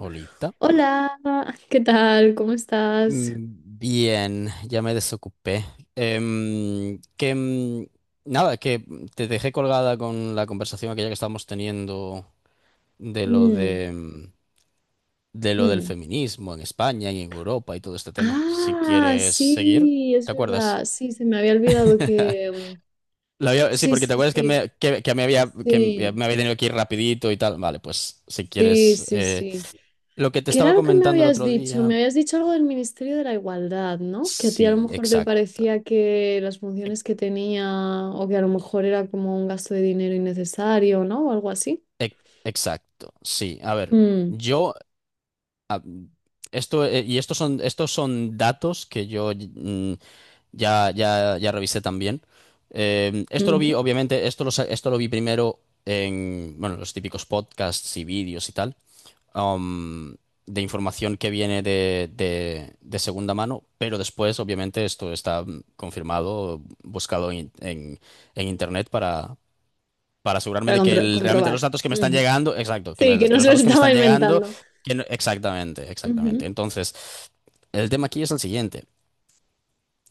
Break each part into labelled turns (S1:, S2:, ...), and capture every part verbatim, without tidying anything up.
S1: Olita.
S2: Hola, ¿qué tal? ¿Cómo estás?
S1: Mm, Bien, ya me desocupé. Em, que mm, nada, que te dejé colgada con la conversación aquella que estábamos teniendo de lo
S2: Mm,
S1: de mm, de lo del
S2: mm.
S1: feminismo en España y en Europa y todo este tema. Si
S2: Ah,
S1: quieres seguir,
S2: sí, es
S1: ¿te acuerdas?
S2: verdad. Sí, se me había olvidado que... mm,
S1: La había- sí,
S2: Sí,
S1: porque te
S2: sí,
S1: acuerdas que
S2: sí,
S1: me, que, que me había, que me
S2: sí,
S1: había tenido que ir rapidito y tal. Vale, pues si
S2: sí,
S1: quieres.
S2: sí,
S1: eh,
S2: sí.
S1: lo que te
S2: ¿Qué era
S1: estaba
S2: lo que me
S1: comentando el
S2: habías
S1: otro
S2: dicho?
S1: día.
S2: Me habías dicho algo del Ministerio de la Igualdad, ¿no? Que a ti a lo
S1: Sí,
S2: mejor te
S1: exacto.
S2: parecía que las funciones que tenía o que a lo mejor era como un gasto de dinero innecesario, ¿no? O algo así.
S1: Ec- Exacto, sí. A ver,
S2: Mm,
S1: yo a- esto, eh, y estos son estos son datos que yo mm, ya ya ya revisé también. Eh, esto lo vi,
S2: ujú.
S1: obviamente, esto lo sa- esto lo vi primero en, bueno, los típicos podcasts y vídeos y tal, um, de información que viene de, de de segunda mano, pero después, obviamente, esto está, mm, confirmado, buscado en, en en internet para asegurarme
S2: Para
S1: de que
S2: contra-
S1: el- realmente los
S2: comprobar.
S1: datos que me están
S2: Ujú.
S1: llegando, exacto, que,
S2: Sí,
S1: me-
S2: que
S1: que
S2: no
S1: los
S2: se lo
S1: datos que me
S2: estaba
S1: están llegando,
S2: inventando.
S1: que no- exactamente, exactamente.
S2: Ujú,
S1: Entonces, el tema aquí es el siguiente.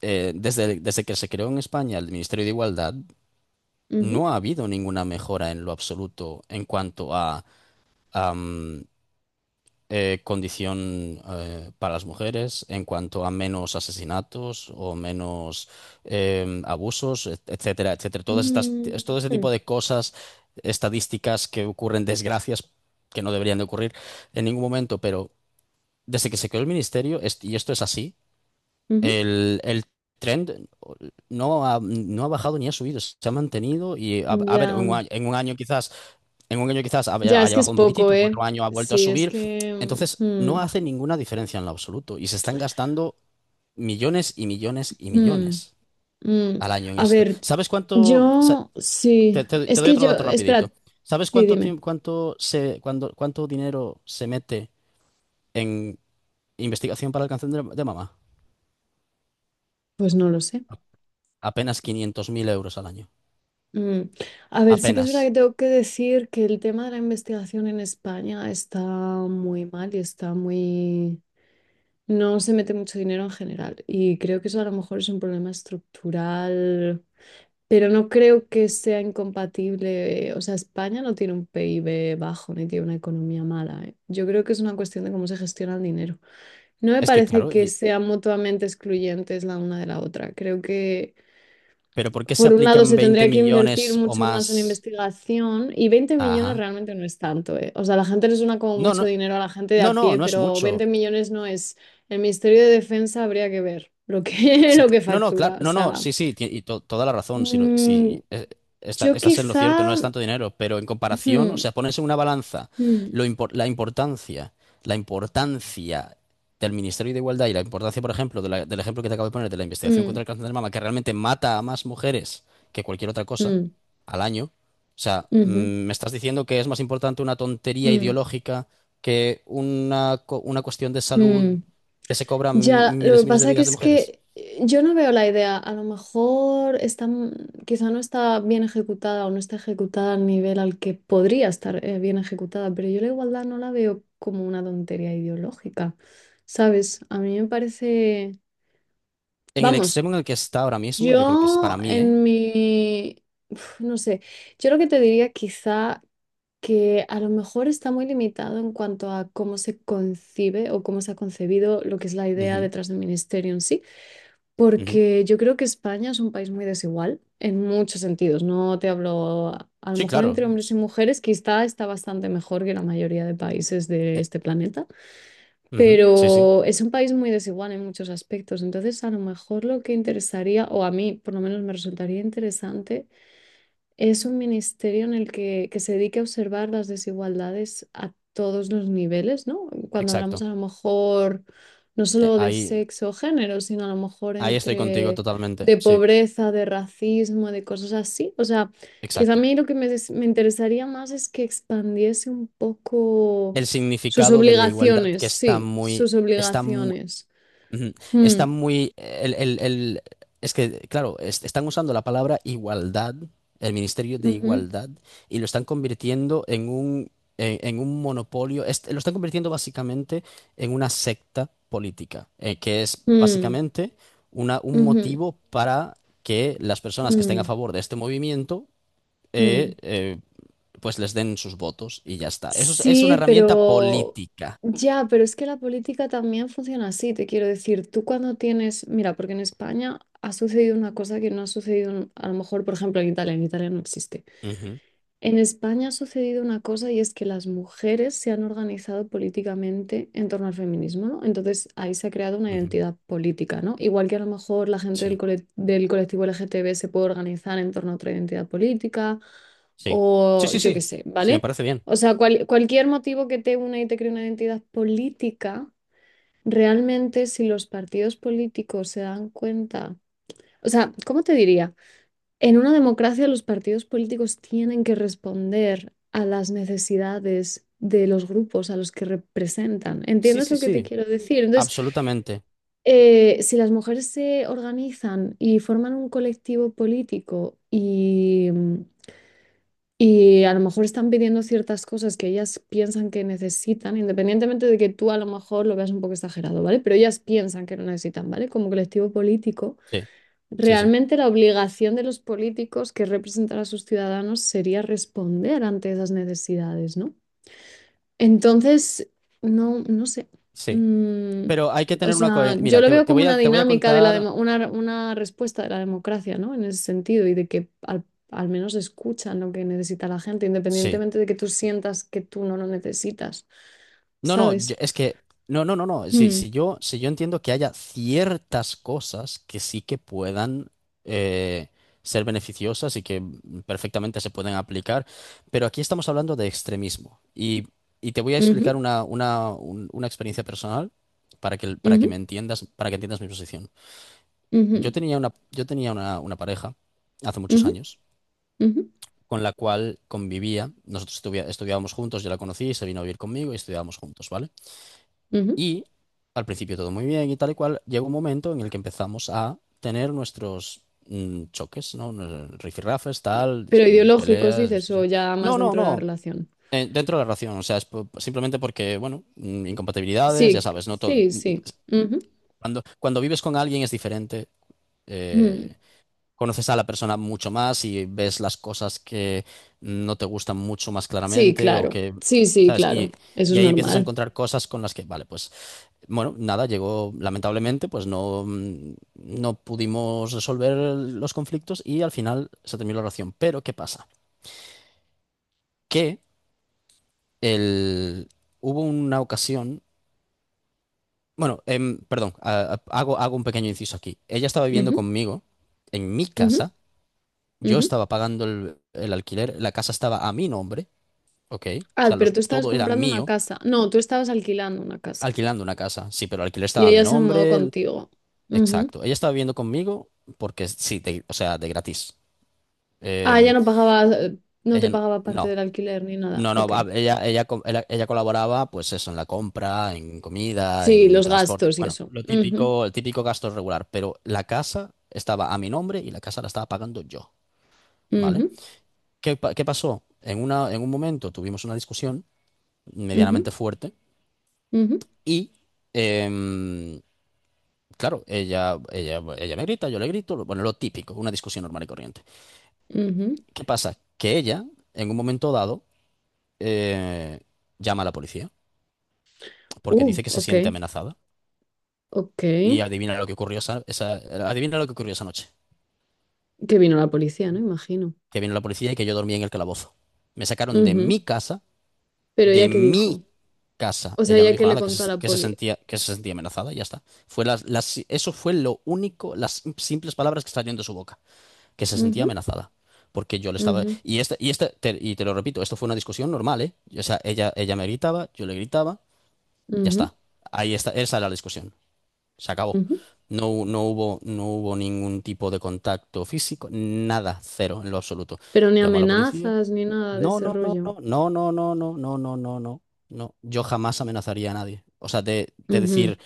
S1: Eh, desde, desde que se creó en España el Ministerio de Igualdad,
S2: ujú.
S1: no ha habido ninguna mejora en lo absoluto en cuanto a, eh, condición, eh, para las mujeres, en cuanto a menos asesinatos o menos, eh, abusos, et- etcétera, etcétera. Todas estas, es todo ese tipo
S2: Mm,
S1: de cosas, estadísticas que ocurren, desgracias que no deberían de ocurrir en ningún momento, pero desde que se creó el ministerio, est- y esto es así,
S2: ujú.
S1: el, el trend no ha, no ha bajado ni ha subido, se ha mantenido y, a, a ver, en
S2: Ya,
S1: un
S2: mm,
S1: año en un año quizás. En un año quizás
S2: ya
S1: haya
S2: es
S1: haya
S2: que es
S1: bajado un poquitito,
S2: poco,
S1: en otro
S2: ¿eh?
S1: año ha vuelto a
S2: Sí, es
S1: subir.
S2: que...
S1: Entonces, no
S2: mm,
S1: hace ninguna diferencia en lo absoluto y se están gastando millones y millones y
S2: mm, mm.
S1: millones
S2: Mm.
S1: al año en
S2: A
S1: esto.
S2: ver,
S1: ¿Sabes cuánto? sa-
S2: yo
S1: Te,
S2: sí,
S1: te- te
S2: es
S1: doy
S2: que
S1: otro
S2: yo,
S1: dato rapidito.
S2: espera,
S1: ¿Sabes
S2: sí,
S1: cuánto,
S2: dime,
S1: tiemp- cuánto, se, cuando- cuánto dinero se mete en investigación para el cáncer de, de mama?
S2: pues no lo sé.
S1: Apenas quinientos mil euros al año.
S2: Mm. A ver, sí que es verdad que
S1: Apenas.
S2: tengo que decir que el tema de la investigación en España está muy mal y está muy... No se mete mucho dinero en general y creo que eso a lo mejor es un problema estructural. Pero no creo que sea incompatible. eh, O sea, España no tiene un PIB bajo ni tiene una economía mala, ¿eh? Yo creo que es una cuestión de cómo se gestiona el dinero. No me
S1: Es que
S2: parece
S1: claro,
S2: que
S1: y-
S2: sean mutuamente excluyentes la una de la otra. Creo que,
S1: pero ¿por qué se
S2: por un lado,
S1: aplican
S2: se
S1: veinte
S2: tendría que invertir
S1: millones o
S2: mucho más en
S1: más?
S2: investigación y veinte millones
S1: Ajá.
S2: realmente no es tanto, ¿eh? O sea, la gente le suena como
S1: No,
S2: mucho
S1: no,
S2: dinero a la gente de
S1: no,
S2: a
S1: no,
S2: pie,
S1: no es
S2: pero
S1: mucho.
S2: veinte millones no es. El Ministerio de Defensa habría que ver lo que,
S1: Sí,
S2: lo que
S1: no, no, claro,
S2: factura. O
S1: no, no,
S2: sea,
S1: sí, sí, ti- y to- toda la razón, si, lo-
S2: mm,
S1: si eh, esta-
S2: yo
S1: Estás en lo
S2: quizá.
S1: cierto, no es tanto dinero, pero en comparación, o
S2: Ujú,
S1: sea, pones en una balanza
S2: mm,
S1: lo impor- la importancia, la importancia del Ministerio de Igualdad y la importancia, por ejemplo, de la- del ejemplo que te acabo de poner de la investigación contra
S2: mm,
S1: el cáncer de mama, que realmente mata a más mujeres que cualquier otra cosa
S2: mm,
S1: al año. O sea, mm,
S2: ujú,
S1: me estás diciendo que es más importante una tontería
S2: mm,
S1: ideológica que una, co- una cuestión de salud
S2: mm.
S1: que se
S2: Ya,
S1: cobran
S2: lo
S1: miles
S2: que
S1: y miles de
S2: pasa que
S1: vidas de
S2: es
S1: mujeres.
S2: que eh, yo no veo la idea. A lo mejor está, m- quizá no está bien ejecutada o no está ejecutada al nivel al que podría estar eh, bien ejecutada, pero yo la igualdad no la veo como una tontería ideológica, ¿sabes? A mí me parece,
S1: En el
S2: vamos,
S1: extremo en el que está ahora mismo, yo creo que es, para
S2: yo
S1: mí, ¿eh?
S2: en mi, uf, no sé, yo lo que te diría quizá que a lo mejor está muy limitado en cuanto a cómo se concibe o cómo se ha concebido lo que es la idea
S1: Ujú,
S2: detrás del ministerio en sí,
S1: ujú.
S2: porque yo creo que España es un país muy desigual en muchos sentidos. No te hablo, a a lo
S1: Sí,
S2: mejor
S1: claro.
S2: entre hombres
S1: S-
S2: y mujeres, quizá está bastante mejor que la mayoría de países de
S1: eh,
S2: este planeta,
S1: ujú. Sí, sí,
S2: pero es un país muy desigual en muchos aspectos. Entonces, a lo mejor lo que interesaría, o a mí por lo menos me resultaría interesante, es un ministerio en el que, que se dedica a observar las desigualdades a todos los niveles, ¿no? Cuando hablamos
S1: exacto.
S2: a lo mejor no
S1: Eh,
S2: solo de
S1: ahí,
S2: sexo o género, sino a lo mejor
S1: ahí estoy contigo
S2: entre
S1: totalmente.
S2: de
S1: Sí,
S2: pobreza, de racismo, de cosas así. O sea, quizá a
S1: exacto.
S2: mí lo que me, des- me interesaría más es que expandiese un poco
S1: El
S2: sus
S1: significado de la igualdad
S2: obligaciones,
S1: que está
S2: sí,
S1: muy,
S2: sus
S1: está.
S2: obligaciones.
S1: Ujú.
S2: Mm,
S1: Está muy. El, el- el- es que, claro, es- están usando la palabra igualdad, el Ministerio de
S2: ujú,
S1: Igualdad, y lo están convirtiendo en un, en, en un monopolio. Es- lo están convirtiendo básicamente en una secta política, eh, que es
S2: mm,
S1: básicamente una, un
S2: ujú,
S1: motivo para que las personas que estén a
S2: mm,
S1: favor de este movimiento, eh,
S2: mm.
S1: eh, pues les den sus votos y ya está. Eso es, es una
S2: Sí,
S1: herramienta
S2: pero
S1: política.
S2: ya, pero es que la política también funciona así, te quiero decir, tú cuando tienes, mira, porque en España ha sucedido una cosa que no ha sucedido en- a lo mejor, por ejemplo, en Italia, en Italia no existe.
S1: Ujú,
S2: En España ha sucedido una cosa y es que las mujeres se han organizado políticamente en torno al feminismo, ¿no? Entonces ahí se ha creado una
S1: ujú.
S2: identidad política, ¿no? Igual que a lo mejor la gente del,
S1: Sí.
S2: cole- del colectivo L G T B se puede organizar en torno a otra identidad política
S1: Sí. Sí,
S2: o
S1: sí,
S2: yo qué
S1: sí.
S2: sé,
S1: Sí, me
S2: ¿vale?
S1: parece bien.
S2: O sea, cual- cualquier motivo que te una y te cree una identidad política, realmente si los partidos políticos se dan cuenta, o sea, ¿cómo te diría? En una democracia, los partidos políticos tienen que responder a las necesidades de los grupos a los que representan.
S1: Sí,
S2: ¿Entiendes
S1: sí,
S2: lo que te
S1: sí.
S2: quiero decir? Entonces,
S1: Absolutamente.
S2: eh, si las mujeres se organizan y forman un colectivo político y, y a lo mejor están pidiendo ciertas cosas que ellas piensan que necesitan, independientemente de que tú a lo mejor lo veas un poco exagerado, ¿vale? Pero ellas piensan que lo necesitan, ¿vale? Como colectivo político.
S1: Sí, sí, sí.
S2: Realmente la obligación de los políticos que representan a sus ciudadanos sería responder ante esas necesidades, ¿no? Entonces, no, no sé.
S1: Sí.
S2: Mm,
S1: Pero hay que
S2: o
S1: tener una
S2: sea,
S1: coherencia.
S2: yo
S1: Mira,
S2: lo
S1: te,
S2: veo
S1: te
S2: como
S1: voy a,
S2: una
S1: te voy a
S2: dinámica de la
S1: contar.
S2: demo- una, una respuesta de la democracia, ¿no? En ese sentido, y de que al, al menos escuchan lo que necesita la gente,
S1: Sí.
S2: independientemente de que tú sientas que tú no lo necesitas,
S1: No, no, yo-
S2: ¿sabes?
S1: es que. No, no, no, no. Sí,
S2: Mm,
S1: sí, yo, si yo entiendo que haya ciertas cosas que sí que puedan, eh, ser beneficiosas y que perfectamente se pueden aplicar. Pero aquí estamos hablando de extremismo. Y, y te voy a explicar
S2: ujú,
S1: una, una, un- una experiencia personal para que, para que
S2: ujú,
S1: me entiendas, para que entiendas mi posición. Yo
S2: ujú,
S1: tenía una, yo tenía una, una pareja hace muchos
S2: ujú,
S1: años
S2: ujú,
S1: con la cual convivía. Nosotros estuvi- estudiábamos juntos, yo la conocí, y se vino a vivir conmigo y estudiábamos juntos, ¿vale?
S2: ujú.
S1: Y al principio todo muy bien y tal y cual. Llegó un momento en el que empezamos a tener nuestros, mm, choques, ¿no? Nos- Rifirrafes, tal, dis-
S2: Pero
S1: mm,
S2: ideológicos,
S1: peleas,
S2: dices, o
S1: discusión.
S2: ya más
S1: No, no,
S2: dentro de la
S1: no.
S2: relación.
S1: Eh, dentro de la relación, o sea, es po- simplemente porque, bueno, mm, incompatibilidades, ya
S2: Sí,
S1: sabes, no todo.
S2: sí, sí. Ujú.
S1: Cuando, cuando vives con alguien es diferente.
S2: Mm.
S1: eh, Conoces a la persona mucho más y ves las cosas que no te gustan mucho más
S2: Sí,
S1: claramente o
S2: claro.
S1: que,
S2: Sí, sí,
S1: ¿sabes? Y,
S2: claro. Eso
S1: y
S2: es
S1: ahí empiezas a
S2: normal.
S1: encontrar cosas con las que, vale, pues, bueno, nada, llegó, lamentablemente, pues no, mm, no pudimos resolver los conflictos y al final se terminó la relación. Pero, ¿qué pasa? Que el, hubo una ocasión, bueno, em, perdón, a- a- hago, hago un pequeño inciso aquí. Ella estaba viviendo
S2: Ujú,
S1: conmigo en mi
S2: ujú,
S1: casa. Yo
S2: ujú.
S1: estaba pagando el, el alquiler, la casa estaba a mi nombre, ¿ok? O
S2: Ah,
S1: sea,
S2: pero
S1: los,
S2: tú estabas
S1: todo era
S2: comprando una
S1: mío,
S2: casa. No, tú estabas alquilando una casa.
S1: alquilando una casa. Sí, pero el alquiler
S2: Y
S1: estaba a mi
S2: ella se mudó
S1: nombre, el-
S2: contigo. Ujú.
S1: exacto. Ella estaba viviendo conmigo porque sí, de, o sea, de gratis.
S2: Ah, ya
S1: Eh,
S2: no pagaba, eh, no te
S1: Ella,
S2: pagaba parte
S1: no,
S2: del alquiler ni nada.
S1: no, no,
S2: Ok.
S1: va, ella, ella, co- ella, ella colaboraba, pues eso, en la compra, en comida,
S2: Sí,
S1: en
S2: los
S1: transporte.
S2: gastos y
S1: Bueno,
S2: eso.
S1: lo
S2: Ujú,
S1: típico, el típico gasto regular, pero la casa estaba a mi nombre y la casa la estaba pagando yo, ¿vale?
S2: ujú,
S1: ¿Qué, pa- qué pasó? En una, en un momento tuvimos una discusión
S2: ujú,
S1: medianamente fuerte.
S2: ujú,
S1: Y, em, claro, ella, ella, ella me grita, yo le grito, lo- bueno, lo típico, una discusión normal y corriente.
S2: ujú.
S1: ¿Qué pasa? Que ella, en un momento dado, eh, llama a la policía porque
S2: Uh,
S1: dice que se
S2: ok,
S1: siente amenazada.
S2: ok.
S1: Y adivina lo que ocurrió esa, esa- adivina lo que ocurrió esa noche.
S2: Que vino la policía, ¿no? Imagino.
S1: Que vino la policía y que yo dormí en el calabozo. Me sacaron de
S2: Ujú,
S1: mi casa,
S2: pero
S1: de
S2: ya que dijo.
S1: mi casa.
S2: O sea,
S1: Ella no
S2: ya que
S1: dijo
S2: le
S1: nada, que
S2: contó a
S1: se,
S2: la
S1: que se
S2: poli.
S1: sentía, que se sentía amenazada, y ya está. Fue las, las- eso fue lo único, las simples palabras que salieron de su boca, que se sentía
S2: Ujú,
S1: amenazada. Porque yo le estaba.
S2: ujú,
S1: Y este, y este, te- y te lo repito, esto fue una discusión normal, ¿eh? O sea, ella, ella me gritaba, yo le gritaba, ya
S2: ujú,
S1: está. Ahí está, esa era la discusión. Se acabó.
S2: ujú.
S1: No, hu- no hubo, no hubo ningún tipo de contacto físico, nada, cero, en lo absoluto.
S2: Pero ni
S1: Llamó a la policía.
S2: amenazas ni nada de
S1: No,
S2: ese
S1: no, no,
S2: rollo.
S1: no, no, no, no, no, no, no, no, no, no. Yo jamás amenazaría a nadie. O sea, de, de
S2: Ujú,
S1: decir,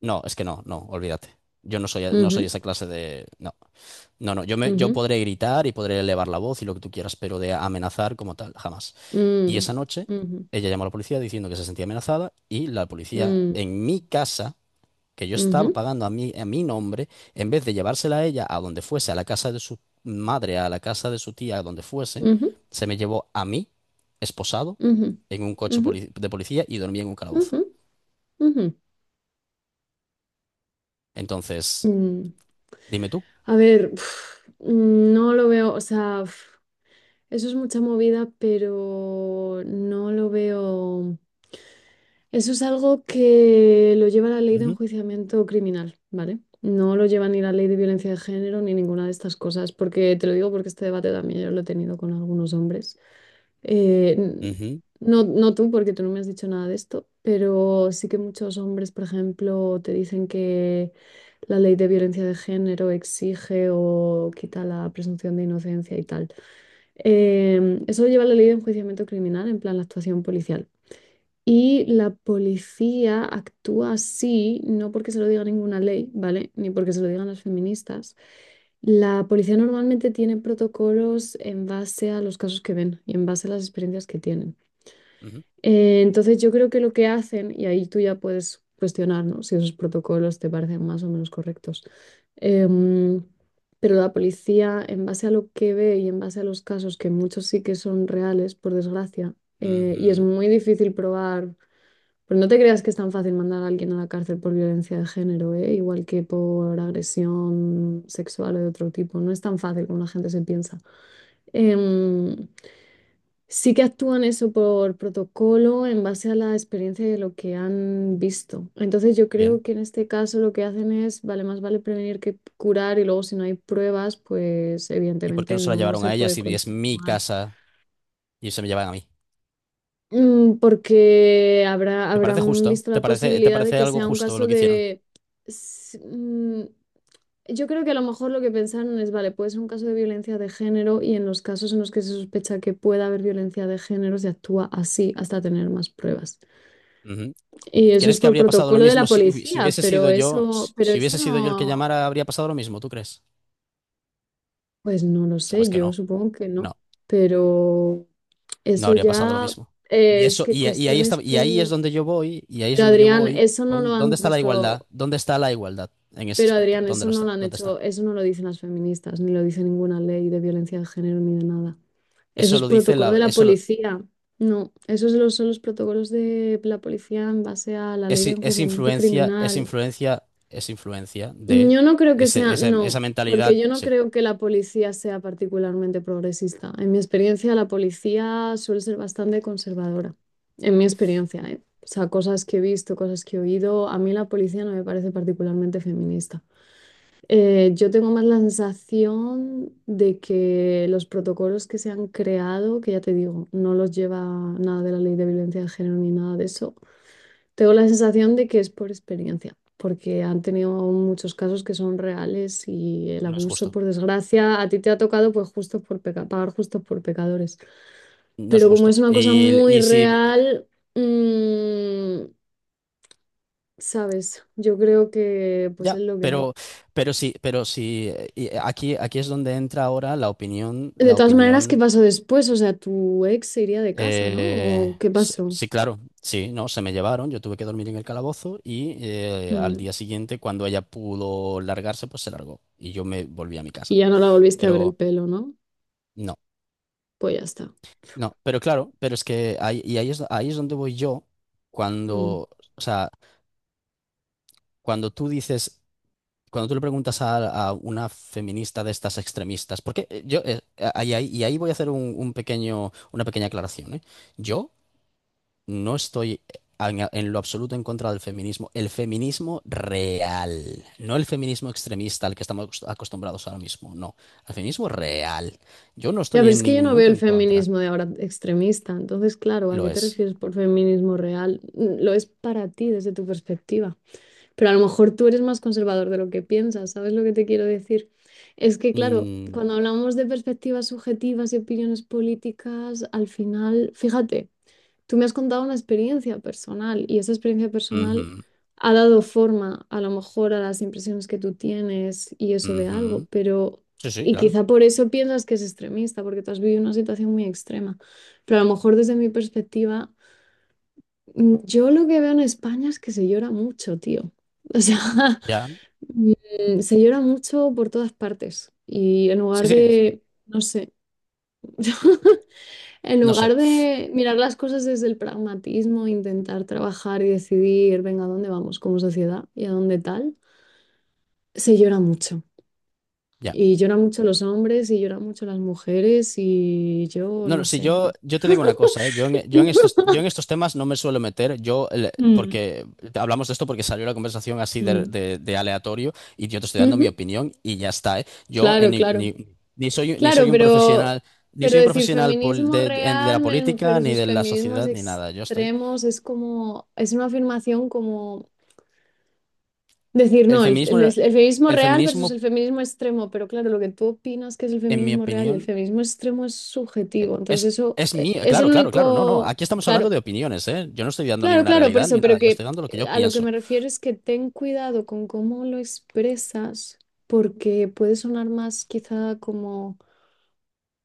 S1: no, es que no, no, olvídate. Yo no soy, no soy
S2: ujú,
S1: esa clase de. No, no, no. Yo me, yo
S2: ujú,
S1: podré gritar y podré elevar la voz y lo que tú quieras, pero de amenazar como tal, jamás. Y
S2: mm,
S1: esa noche,
S2: ujú,
S1: ella llamó a la policía diciendo que se sentía amenazada y la policía
S2: mm,
S1: en mi casa, que yo estaba
S2: ujú,
S1: pagando a mi a mi nombre, en vez de llevársela a ella a donde fuese, a la casa de su madre, a la casa de su tía, a donde fuese,
S2: ujú,
S1: se me llevó a mí, esposado,
S2: ujú,
S1: en un coche
S2: ujú,
S1: poli- de policía y dormí en un calabozo.
S2: ujú, ujú.
S1: Entonces,
S2: Mm.
S1: dime tú.
S2: A ver, uf, no lo veo, o sea, uf, eso es mucha movida, pero no lo veo. Eso es algo que lo lleva la ley de
S1: Ujú,
S2: enjuiciamiento criminal, ¿vale? No lo lleva ni la ley de violencia de género ni ninguna de estas cosas, porque te lo digo porque este debate también yo lo he tenido con algunos hombres. Eh, n-
S1: ujú,
S2: no, no tú, porque tú no me has dicho nada de esto, pero sí que muchos hombres, por ejemplo, te dicen que la ley de violencia de género exige o quita la presunción de inocencia y tal. Em, eso lo lleva la ley de enjuiciamiento criminal, en plan la actuación policial. Y la policía actúa así, no porque se lo diga ninguna ley, ¿vale? Ni porque se lo digan las feministas. La policía normalmente tiene protocolos en base a los casos que ven y en base a las experiencias que tienen.
S1: ujú,
S2: Eh, entonces yo creo que lo que hacen, y ahí tú ya puedes cuestionar, ¿no? Si esos protocolos te parecen más o menos correctos. Em, pero la policía, en base a lo que ve y en base a los casos, que muchos sí que son reales, por desgracia, eh, y es
S1: ujú.
S2: muy difícil probar, pero no te creas que es tan fácil mandar a alguien a la cárcel por violencia de género, ¿eh? Igual que por agresión sexual o de otro tipo. No es tan fácil como la gente se piensa. Em, sí que actúan eso por protocolo en base a la experiencia de lo que han visto. Entonces yo creo
S1: Bien.
S2: que en este caso lo que hacen es, vale, más vale prevenir que curar y luego si no hay pruebas, pues
S1: ¿Y por qué
S2: evidentemente
S1: no se la
S2: no
S1: llevaron
S2: se
S1: a ella
S2: puede
S1: si es mi
S2: continuar.
S1: casa y se me llevan a mí?
S2: Mm, porque habrá,
S1: ¿Te parece
S2: habrán
S1: justo?
S2: visto
S1: ¿Te
S2: la
S1: parece, te
S2: posibilidad de
S1: parece
S2: que
S1: algo
S2: sea un
S1: justo
S2: caso
S1: lo que hicieron?
S2: de... s- mm, Yo creo que a lo mejor lo que pensaron es, vale, puede ser un caso de violencia de género y en los casos en los que se sospecha que pueda haber violencia de género se actúa así hasta tener más pruebas.
S1: Ujú.
S2: Y eso es
S1: ¿Crees que
S2: por
S1: habría pasado lo
S2: protocolo de la
S1: mismo si, hubi- si
S2: policía,
S1: hubiese
S2: pero
S1: sido yo,
S2: eso,
S1: si
S2: pero
S1: si
S2: eso
S1: hubiese sido yo el que
S2: no,
S1: llamara? ¿Habría pasado lo mismo, tú crees?
S2: pues no lo
S1: Sabes
S2: sé,
S1: que
S2: yo
S1: no,
S2: supongo que no,
S1: no,
S2: pero
S1: no
S2: eso
S1: habría pasado lo
S2: ya
S1: mismo. Y
S2: es
S1: eso,
S2: que
S1: y, a- y ahí está,
S2: cuestiones
S1: y ahí es
S2: tú...
S1: donde yo voy, y ahí es
S2: Pero
S1: donde yo
S2: Adrián,
S1: voy,
S2: eso no lo
S1: con, ¿dónde
S2: han
S1: está la igualdad?
S2: puesto.
S1: ¿Dónde está la igualdad en ese
S2: Pero
S1: aspecto?
S2: Adrián,
S1: ¿Dónde
S2: eso
S1: lo
S2: no
S1: está?
S2: lo han
S1: ¿Dónde está?
S2: hecho, eso no lo dicen las feministas, ni lo dice ninguna ley de violencia de género ni de nada. Eso
S1: Eso
S2: es
S1: lo dice
S2: protocolo
S1: la,
S2: de la
S1: eso lo-
S2: policía. No, esos son los, son los protocolos de la policía en base a la ley
S1: es,
S2: de
S1: es
S2: enjuiciamiento
S1: influencia, es
S2: criminal.
S1: influencia, es influencia de
S2: Yo no creo que
S1: ese,
S2: sea,
S1: ese-
S2: no,
S1: esa
S2: porque
S1: mentalidad,
S2: yo no
S1: sí,
S2: creo que la policía sea particularmente progresista. En mi experiencia, la policía suele ser bastante conservadora. En mi experiencia, ¿eh? O sea, cosas que he visto, cosas que he oído, a mí la policía no me parece particularmente feminista. Eh, yo tengo más la sensación de que los protocolos que se han creado, que ya te digo, no los lleva nada de la ley de violencia de género ni nada de eso, tengo la sensación de que es por experiencia, porque han tenido muchos casos que son reales y el
S1: no es
S2: abuso,
S1: justo.
S2: por desgracia, a ti te ha tocado pues justo por peca- pagar justos por pecadores.
S1: No es
S2: Pero como
S1: justo.
S2: es una cosa
S1: Y,
S2: muy
S1: y si
S2: real, mm, sabes, yo creo que pues es
S1: Ya,
S2: lo que hay.
S1: pero, pero sí, pero sí, eh, y eh, aquí, aquí es donde entra ahora la opinión,
S2: De
S1: la
S2: todas maneras, ¿qué
S1: opinión.
S2: pasó después? O sea, tu ex se iría de casa, ¿no?
S1: Eh,
S2: ¿O qué
S1: s-
S2: pasó?
S1: sí, claro, sí, no, se me llevaron, yo tuve que dormir en el calabozo y, eh, al
S2: Mm.
S1: día siguiente, cuando ella pudo largarse, pues se largó y yo me volví a mi casa.
S2: Y ya no la volviste a ver el
S1: Pero
S2: pelo, ¿no?
S1: no,
S2: Pues ya está.
S1: no, pero claro, pero es que ahí, y ahí es, ahí es donde voy yo
S2: Mm.
S1: cuando, o sea, cuando tú dices cuando tú le preguntas a, a una feminista de estas extremistas, porque, eh, yo, eh, ahí- ahí- y ahí voy a hacer un, un pequeño, una pequeña aclaración, ¿eh? Yo no estoy en, en lo absoluto en contra del feminismo, el feminismo real, no el feminismo extremista al que estamos acost- acostumbrados ahora mismo, no, el feminismo real. Yo no
S2: Ya,
S1: estoy
S2: pero es
S1: en
S2: que yo
S1: ningún
S2: no veo
S1: momento
S2: el
S1: en contra,
S2: feminismo de ahora extremista. Entonces, claro, ¿a
S1: lo
S2: qué te
S1: es.
S2: refieres por feminismo real? Mm, lo es para ti desde tu perspectiva. Pero a lo mejor tú eres más conservador de lo que piensas. ¿Sabes lo que te quiero decir? Es que, claro,
S1: Mm,
S2: cuando hablamos de perspectivas subjetivas y opiniones políticas, al final, fíjate. Tú me has contado una experiencia personal y esa experiencia personal
S1: ujú,
S2: ha dado forma a lo mejor a las impresiones que tú tienes y eso de algo,
S1: ujú.
S2: pero,
S1: Sí, sí,
S2: y
S1: claro.
S2: quizá por eso piensas que es extremista, porque tú has vivido una situación muy extrema, pero a lo mejor desde mi perspectiva, mm, yo lo que veo en España es que se llora mucho, tío. O sea,
S1: Ya.
S2: mm, se llora mucho por todas partes y en
S1: Sí,
S2: lugar
S1: sí, sí.
S2: de, no sé. En
S1: No sé.
S2: lugar de mirar las cosas desde el pragmatismo, intentar trabajar y decidir, venga, ¿a dónde vamos como sociedad y a dónde tal? Se llora mucho.
S1: Ya.
S2: Y lloran mucho los hombres y lloran mucho las mujeres y yo
S1: No,
S2: no
S1: no, si
S2: sé.
S1: yo, yo te digo una cosa, ¿eh? Yo en, yo en estos, yo en estos temas no me suelo meter, yo, el-
S2: Mm,
S1: porque hablamos de esto porque salió la conversación así de,
S2: mm.
S1: de- de aleatorio y yo te estoy dando mi
S2: Ujú,
S1: opinión y ya está, ¿eh? Yo, eh,
S2: claro,
S1: ni,
S2: claro.
S1: ni- ni soy, ni
S2: Claro,
S1: soy un
S2: pero,
S1: profesional, ni
S2: pero
S1: soy un
S2: decir
S1: profesional, pol-
S2: feminismo
S1: de, de- de
S2: real
S1: la
S2: men-
S1: política, ni
S2: versus
S1: de la
S2: feminismos
S1: sociedad, ni nada, yo estoy.
S2: extremos es como, es una afirmación como decir,
S1: El
S2: no, el,
S1: feminismo,
S2: el- el feminismo
S1: el
S2: real versus el
S1: feminismo,
S2: feminismo extremo, pero claro, lo que tú opinas que es el
S1: en mi
S2: feminismo real y el
S1: opinión,
S2: feminismo extremo es
S1: eh,
S2: subjetivo, entonces
S1: es,
S2: eso
S1: es
S2: eh,
S1: mío,
S2: es el
S1: claro, claro, claro, no, no,
S2: único,
S1: aquí estamos
S2: claro,
S1: hablando de opiniones, ¿eh? Yo no estoy dando
S2: claro,
S1: ninguna
S2: claro, por
S1: realidad
S2: eso,
S1: ni
S2: pero
S1: nada, yo
S2: que
S1: estoy dando lo que
S2: eh,
S1: yo
S2: a lo que me
S1: pienso.
S2: refiero es que ten cuidado con cómo lo expresas, porque puede sonar más quizá como,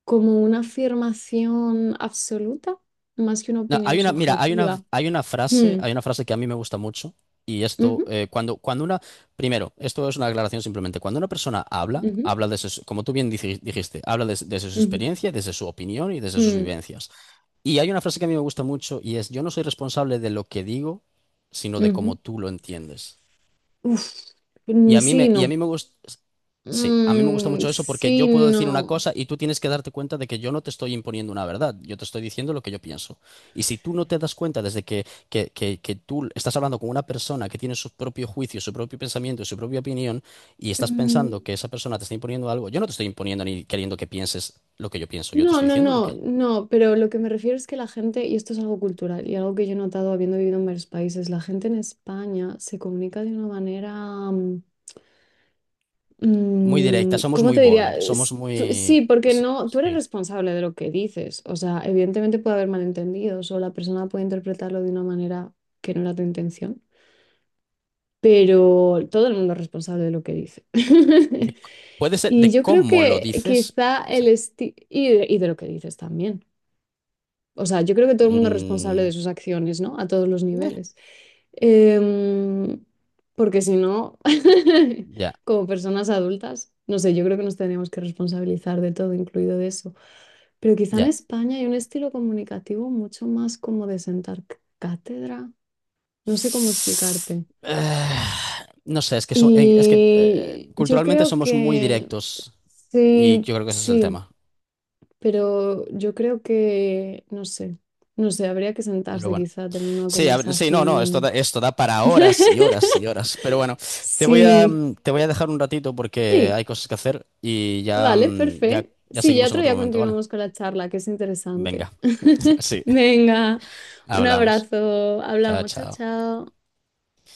S2: como una afirmación absoluta, más que una
S1: No,
S2: opinión
S1: hay una, mira, hay una,
S2: subjetiva.
S1: hay una frase,
S2: Hmm,
S1: hay una frase que a mí me gusta mucho, y esto,
S2: ujú,
S1: eh, cuando, cuando una, primero, esto es una aclaración simplemente, cuando una persona habla,
S2: ujú,
S1: habla desde, su- como tú bien dij- dijiste, habla des- desde su
S2: ujú,
S1: experiencia, desde su opinión y desde sus
S2: mm,
S1: vivencias. Y hay una frase que a mí me gusta mucho y es: yo no soy responsable de lo que digo, sino de cómo
S2: ujú.
S1: tú lo entiendes.
S2: Uf,
S1: Y
S2: mm,
S1: a mí
S2: sí,
S1: me, y a
S2: no.
S1: mí me gusta, Sí, a mí me gusta
S2: Mm,
S1: mucho eso porque
S2: sí,
S1: yo puedo decir una
S2: no.
S1: cosa y tú tienes que darte cuenta de que yo no te estoy imponiendo una verdad, yo te estoy diciendo lo que yo pienso. Y si tú no te das cuenta desde que, que, que, que tú estás hablando con una persona que tiene su propio juicio, su propio pensamiento y su propia opinión, y estás
S2: Mm,
S1: pensando que esa persona te está imponiendo algo, yo no te estoy imponiendo ni queriendo que pienses lo que yo pienso, yo te
S2: no,
S1: estoy
S2: no,
S1: diciendo lo
S2: no,
S1: que...
S2: no, pero lo que me refiero es que la gente, y esto es algo cultural y algo que yo he notado habiendo vivido en varios países, la gente en España se comunica de una manera, mm,
S1: Muy directa,
S2: mm,
S1: somos
S2: ¿cómo
S1: muy
S2: te diría?
S1: bold, somos
S2: Es- tú- sí,
S1: muy,
S2: porque
S1: sí.
S2: no, tú eres
S1: Sí.
S2: responsable de lo que dices, o sea, evidentemente puede haber malentendidos o la persona puede interpretarlo de una manera que no era tu intención, pero todo el mundo es responsable de lo que dice.
S1: de- Puede ser
S2: Y
S1: de
S2: yo creo
S1: cómo lo
S2: que
S1: dices,
S2: quizá
S1: puede
S2: el
S1: ser.
S2: estilo, y, de y de lo que dices también. O sea, yo creo que todo el mundo es responsable
S1: Mm,
S2: de sus acciones, ¿no? A todos los niveles. Em, Porque si no,
S1: ya,
S2: como personas adultas, no sé, yo creo que nos tenemos que responsabilizar de todo, incluido de eso. Pero quizá en
S1: ya.
S2: España hay un estilo comunicativo mucho más como de sentar c- cátedra. No sé cómo explicarte.
S1: Eh, no sé, es que, so- eh, es que, eh,
S2: Y yo
S1: culturalmente
S2: creo
S1: somos muy
S2: que
S1: directos y
S2: sí,
S1: yo creo que ese es el
S2: sí.
S1: tema.
S2: Pero yo creo que, no sé, no sé, habría que
S1: Pero
S2: sentarse
S1: bueno.
S2: quizá a tener una
S1: Sí, a ver, sí, no, no, esto da,
S2: conversación.
S1: esto da para horas y horas y horas. Pero bueno, te voy a,
S2: Sí,
S1: mm, te voy a dejar un ratito porque
S2: sí,
S1: hay cosas que hacer y ya,
S2: vale,
S1: mm, ya,
S2: perfecto.
S1: ya
S2: Sí, ya
S1: seguimos en
S2: otro
S1: otro
S2: día
S1: momento, ¿vale?
S2: continuamos con la charla, que es interesante.
S1: Venga, sí,
S2: Venga, un
S1: hablamos.
S2: abrazo,
S1: Chao,
S2: hablamos, chao,
S1: chao.
S2: chao.